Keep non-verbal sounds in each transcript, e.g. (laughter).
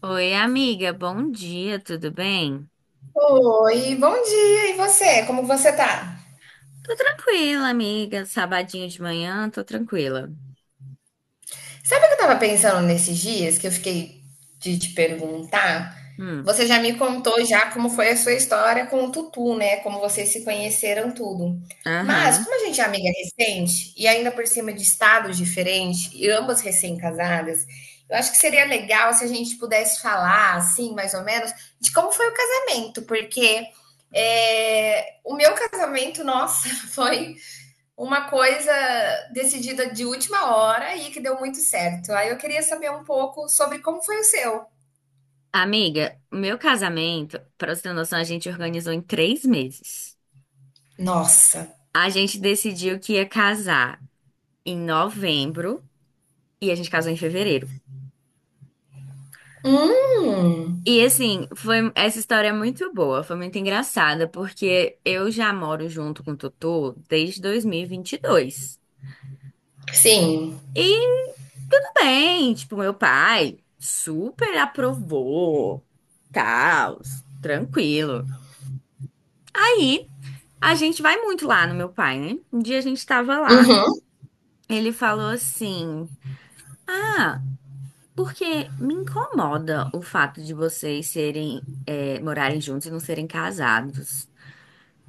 Oi, amiga, bom dia, tudo bem? Oi, bom dia. E você? Como você tá? Tô tranquila, amiga. Sabadinho de manhã, tô tranquila. Sabe o que eu tava pensando nesses dias que eu fiquei de te perguntar? Hum, Você já me contou já como foi a sua história com o Tutu, né? Como vocês se conheceram tudo. Mas aham. como a gente é amiga recente e ainda por cima de estados diferentes e ambas recém-casadas, eu acho que seria legal se a gente pudesse falar, assim, mais ou menos, de como foi o casamento, porque o meu casamento, nossa, (laughs) foi uma coisa decidida de última hora e que deu muito certo. Aí eu queria saber um pouco sobre como foi o seu. Amiga, o meu casamento, pra você ter noção, a gente organizou em 3 meses. Nossa. A gente decidiu que ia casar em novembro e a gente casou em fevereiro. Hum, E assim, foi essa história, é muito boa, foi muito engraçada, porque eu já moro junto com o Totô desde 2022. sim. Tudo bem, tipo, meu pai super aprovou, tal, tranquilo. Aí, a gente vai muito lá no meu pai, né? Um dia a gente tava lá, Uhum, ele falou assim: ah, porque me incomoda o fato de vocês serem, morarem juntos e não serem casados.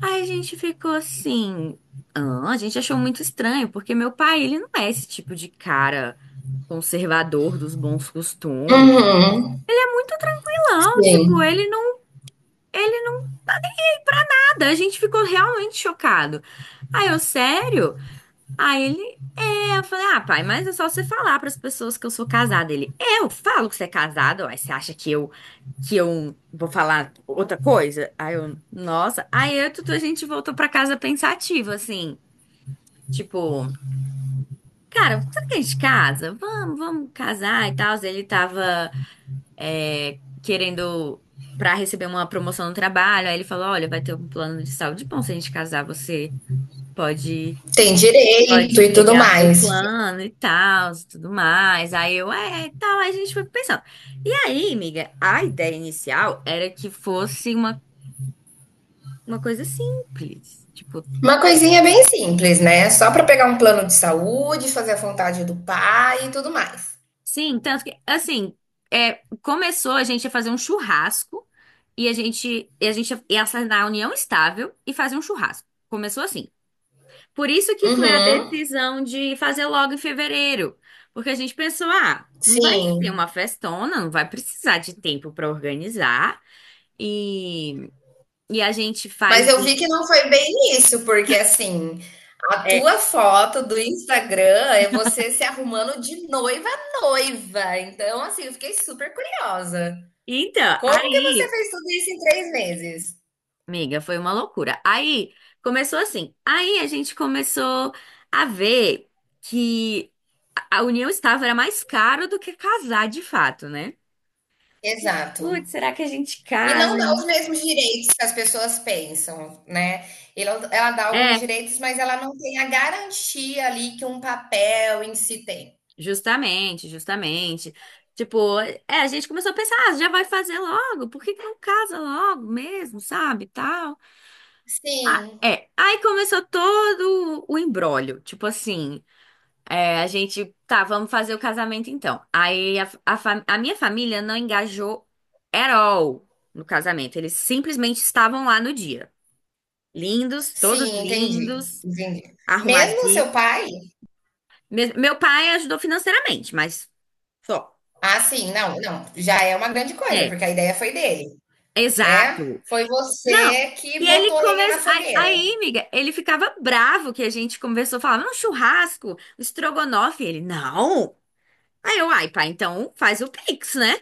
Aí a gente ficou assim. Ah, a gente achou muito estranho, porque meu pai, ele não é esse tipo de cara conservador dos bons costumes. uhum, Muito tranquilão, tipo, sim. Ele não tá nem pra nada. A gente ficou realmente chocado. Aí eu, sério? Aí ele, é, eu falei, ah, pai, mas é só você falar pras pessoas que eu sou casada. Ele, eu falo que você é casado? Aí você acha que eu vou falar outra coisa? Aí eu, nossa. Aí eu, e tudo, a gente voltou pra casa pensativo, assim, tipo, cara, será que a gente casa? Vamos casar e tal. Ele tava, é, querendo para receber uma promoção no trabalho. Aí ele falou: olha, vai ter um plano de saúde bom. Se a gente casar, você pode, Tem direito pode e tudo pegar meu mais. plano e tal, e tudo mais. Aí eu, é, e tal. Aí a gente foi pensando. E aí, amiga, a ideia inicial era que fosse uma coisa simples. Tipo, Uma coisinha bem simples, né? Só para pegar um plano de saúde, fazer a vontade do pai e tudo mais. sim, tanto que, assim, começou a gente a fazer um churrasco. E a gente ia assinar a união estável e fazer um churrasco. Começou assim. Por isso que foi a Uhum, decisão de fazer logo em fevereiro, porque a gente pensou, ah, não vai ser sim. uma festona, não vai precisar de tempo para organizar e, e a gente faz. Mas eu Um, vi que não foi bem isso, porque assim, a é, tua foto do Instagram é você se arrumando de noiva a noiva. Então, assim, eu fiquei super curiosa. então, Como que você aí, fez tudo isso em três meses? amiga, foi uma loucura. Aí começou assim. Aí a gente começou a ver que a união estava era mais caro do que casar de fato, né? Exato. Putz, será que a gente E casa? não dá Né? os mesmos direitos que as pessoas pensam, né? Ela dá alguns É. direitos, mas ela não tem a garantia ali que um papel em si tem. Justamente, justamente. Tipo, é, a gente começou a pensar, ah, já vai fazer logo, por que que não casa logo mesmo, sabe, tal. Sim, É, aí começou todo o imbróglio, tipo assim, é, a gente, tá, vamos fazer o casamento então. Aí a minha família não engajou at all no casamento, eles simplesmente estavam lá no dia. Lindos, todos sim, entendi, lindos, entendi. Mesmo o arrumadinhos. seu pai? Meu pai ajudou financeiramente, mas só. Ah, sim, não, não, já é uma grande coisa, É, porque a ideia foi dele, né? exato. Foi Não. você que E ele botou lenha na começou. Fogueira. Amiga, ele ficava bravo que a gente conversou, falava, um churrasco, estrogonofe. Ele, não. Aí eu, ai, pá, então faz o Pix, né?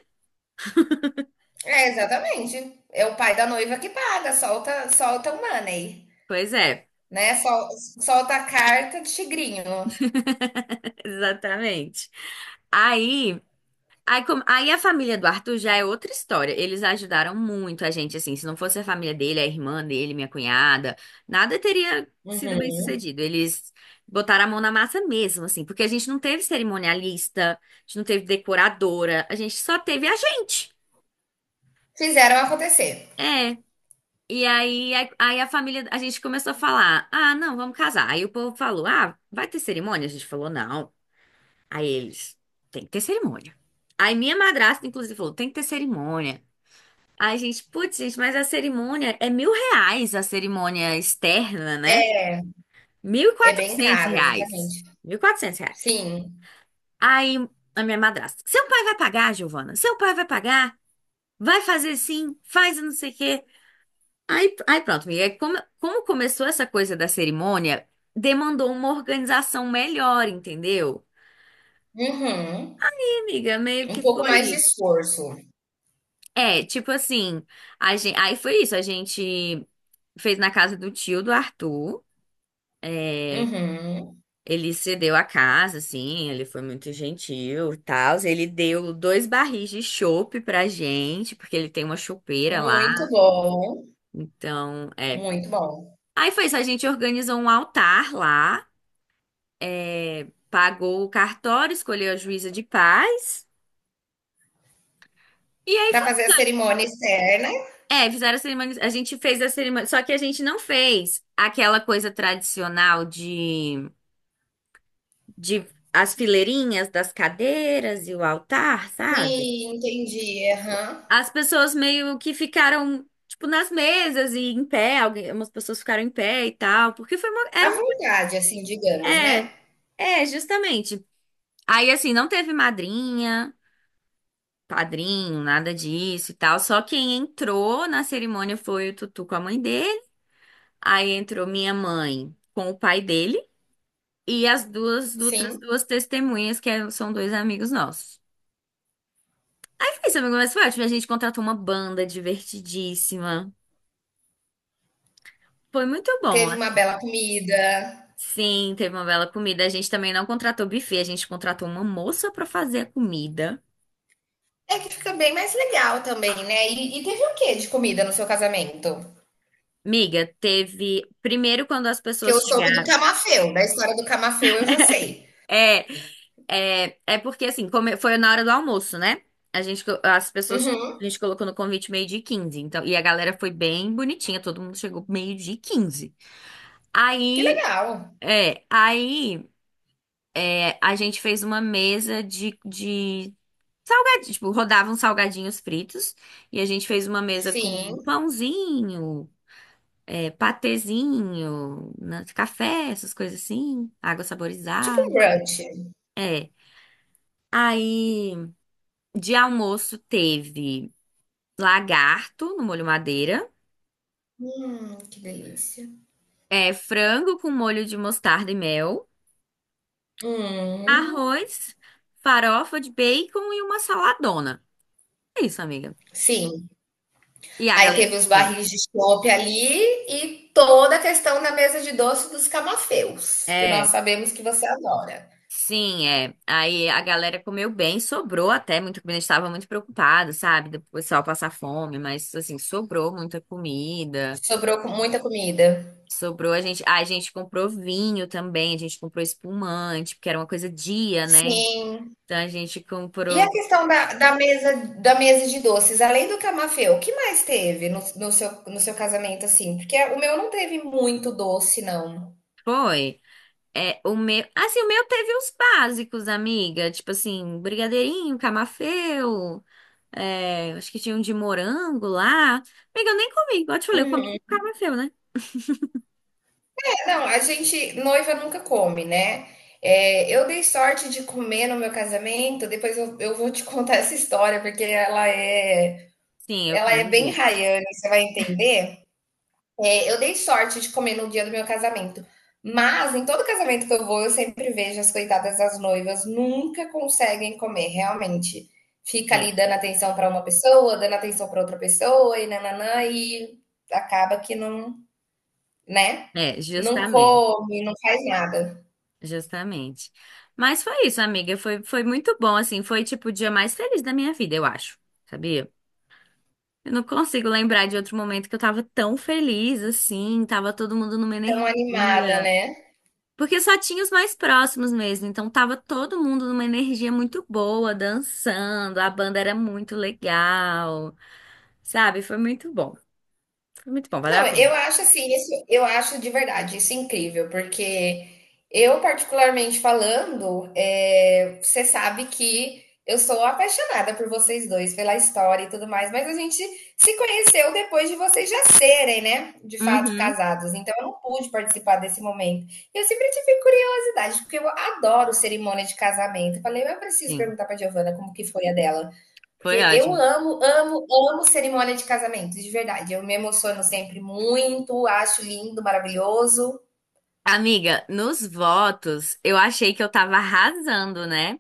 É, exatamente. É o pai da noiva que paga, solta, solta o money, Pois é, né? Solta a carta de tigrinho. (laughs) exatamente. Aí. Aí a família do Arthur já é outra história. Eles ajudaram muito a gente, assim. Se não fosse a família dele, a irmã dele, minha cunhada, nada teria sido bem Uhum. sucedido. Eles botaram a mão na massa mesmo, assim, porque a gente não teve cerimonialista, a gente não teve decoradora, a gente só teve a gente. Fizeram acontecer. É. E aí, aí a família, a gente começou a falar: ah, não, vamos casar. Aí o povo falou: ah, vai ter cerimônia? A gente falou: não. Aí eles: tem que ter cerimônia. Aí minha madrasta, inclusive, falou: tem que ter cerimônia. Ai, gente, putz, gente, mas a cerimônia é 1.000 reais, a cerimônia externa, né? Mil e É bem quatrocentos caro, reais. exatamente. 1.400 reais. Sim. Aí a minha madrasta, seu pai vai pagar, Giovana? Seu pai vai pagar? Vai fazer sim, faz não sei o quê. Aí, aí pronto, amiga, como, como começou essa coisa da cerimônia, demandou uma organização melhor, entendeu? Uhum. E, amiga, meio Um que pouco mais de foi. esforço. É, tipo assim, a gente, aí foi isso, a gente fez na casa do tio do Arthur. Uhum. Ele cedeu a casa, assim, ele foi muito gentil e tal. Ele deu 2 barris de chopp pra gente, porque ele tem uma chopeira lá. Muito bom, Então, é. muito bom. Aí foi isso, a gente organizou um altar lá, pagou o cartório, escolheu a juíza de paz. E aí Para foi. fazer a cerimônia externa. É, fizeram a cerimônia. A gente fez a cerimônia. Só que a gente não fez aquela coisa tradicional de as fileirinhas das cadeiras e o altar, sabe? Sim, entendi. Aham. As pessoas meio que ficaram, tipo, nas mesas e em pé, algumas pessoas ficaram em pé e tal, porque foi uma, era À uma, vontade, assim, digamos, né. é, justamente. Aí, assim, não teve madrinha, padrinho, nada disso e tal, só quem entrou na cerimônia foi o Tutu com a mãe dele, aí entrou minha mãe com o pai dele, e as duas outras Sim, duas testemunhas, são 2 amigos nossos. Mas foi isso, amigo, mas foi ótimo. A gente contratou uma banda divertidíssima. Foi muito bom. teve uma bela comida. Sim, teve uma bela comida. A gente também não contratou buffet, a gente contratou uma moça pra fazer a comida. É que fica bem mais legal também, né. E teve o que de comida no seu casamento? Miga, teve. Primeiro, quando as Que pessoas eu soube do chegaram. camafeu, da história do camafeu eu já sei. É, é porque assim, foi na hora do almoço, né? As pessoas. A Uhum. gente colocou no convite meio-dia e 15. Então, e a galera foi bem bonitinha, todo mundo chegou meio-dia e 15. Que Aí. legal. É, aí a gente fez uma mesa de salgadinho, tipo, rodavam salgadinhos fritos e a gente fez uma mesa com Sim, pãozinho, patezinho, café, essas coisas assim, água tipo saborizada. um brunch. É. Aí, de almoço teve lagarto no molho madeira, Que delícia. Frango com molho de mostarda e mel, Hum, arroz, farofa de bacon e uma saladona. É isso, amiga. sim. E a Aí galera teve os comeu. barris de chopp ali e toda a questão da mesa de doce dos camafeus, que nós É. sabemos que você adora. Sim, é. Aí a galera comeu bem, sobrou até muita comida. A gente estava muito preocupado, sabe? Do pessoal passar fome, mas assim, sobrou muita comida. Sobrou com muita comida? Sobrou a gente. Ah, a gente comprou vinho também, a gente comprou espumante, porque era uma coisa dia, né? Sim. Então a gente E a comprou. questão da mesa da mesa de doces, além do camafeu, o que mais teve no seu, no seu casamento, assim? Porque o meu não teve muito doce, não. Foi. É, o meu. Assim, o meu teve os básicos, amiga. Tipo assim, brigadeirinho, camafeu. É, acho que tinha um de morango lá. Amiga, eu nem comi. Igual eu te falei, eu comi Uhum. um camafeu, né? É, não, a gente, noiva nunca come, né? É, eu dei sorte de comer no meu casamento, depois eu vou te (laughs) contar essa história, Sim, eu ela é quero bem ver. raiana, você vai entender. É, eu dei sorte de comer no dia do meu casamento. Mas em todo casamento que eu vou, eu sempre vejo as coitadas das noivas nunca conseguem comer, realmente. Fica É, ali dando atenção para uma pessoa, dando atenção para outra pessoa e nananã, e acaba que não, né? Não justamente, come, não faz nada. justamente. Mas foi isso, amiga. Foi, foi muito bom, assim. Foi, tipo, o dia mais feliz da minha vida, eu acho. Sabia? Eu não consigo lembrar de outro momento que eu tava tão feliz, assim. Tava todo mundo numa Tão animada, energia. né? Porque só tinha os mais próximos mesmo. Então tava todo mundo numa energia muito boa, dançando. A banda era muito legal, sabe? Foi muito bom. Foi muito bom, valeu Não, a eu pena. acho assim, isso, eu acho de verdade isso é incrível, porque eu, particularmente falando, você sabe que eu sou apaixonada por vocês dois, pela história e tudo mais, mas a gente se conheceu depois de vocês já serem, né, de fato Uhum, casados, então eu não pude participar desse momento. E eu sempre tive curiosidade, porque eu adoro cerimônia de casamento. Eu falei, eu preciso sim. perguntar para Giovana como que foi a dela. Porque Foi eu ótimo. amo, amo, amo cerimônia de casamento, de verdade. Eu me emociono sempre muito, acho lindo, maravilhoso. Amiga, nos votos, eu achei que eu tava arrasando, né?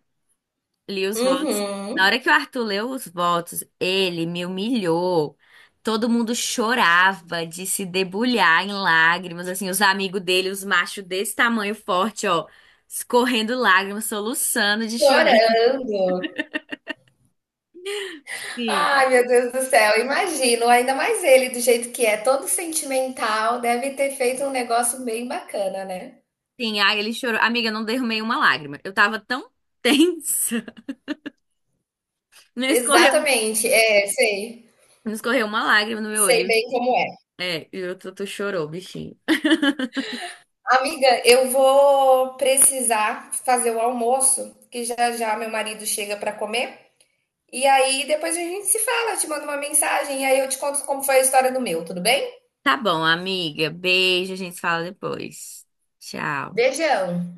Li os votos. Na Uhum, hora que o Arthur leu os votos, ele me humilhou. Todo mundo chorava de se debulhar em lágrimas, assim, os amigos dele, os machos desse tamanho forte, ó, escorrendo lágrimas, soluçando de chorar. chorando. Sim. Ai, meu Deus do céu, imagino. Ainda mais ele, do jeito que é, todo sentimental, deve ter feito um negócio bem bacana, né? Sim, ai, ele chorou. Amiga, eu não derramei uma lágrima. Eu tava tão (laughs) tensa. Não escorreu, Exatamente, é, sei. não escorreu uma lágrima no meu Sei olho. bem como é. É, e o Tutu chorou, bichinho. Amiga, eu vou precisar fazer o almoço, que já já meu marido chega para comer. E aí depois a gente se fala, eu te mando uma mensagem e aí eu te conto como foi a história do meu, tudo bem? Tá bom, amiga. Beijo, a gente se fala depois. Tchau. Beijão.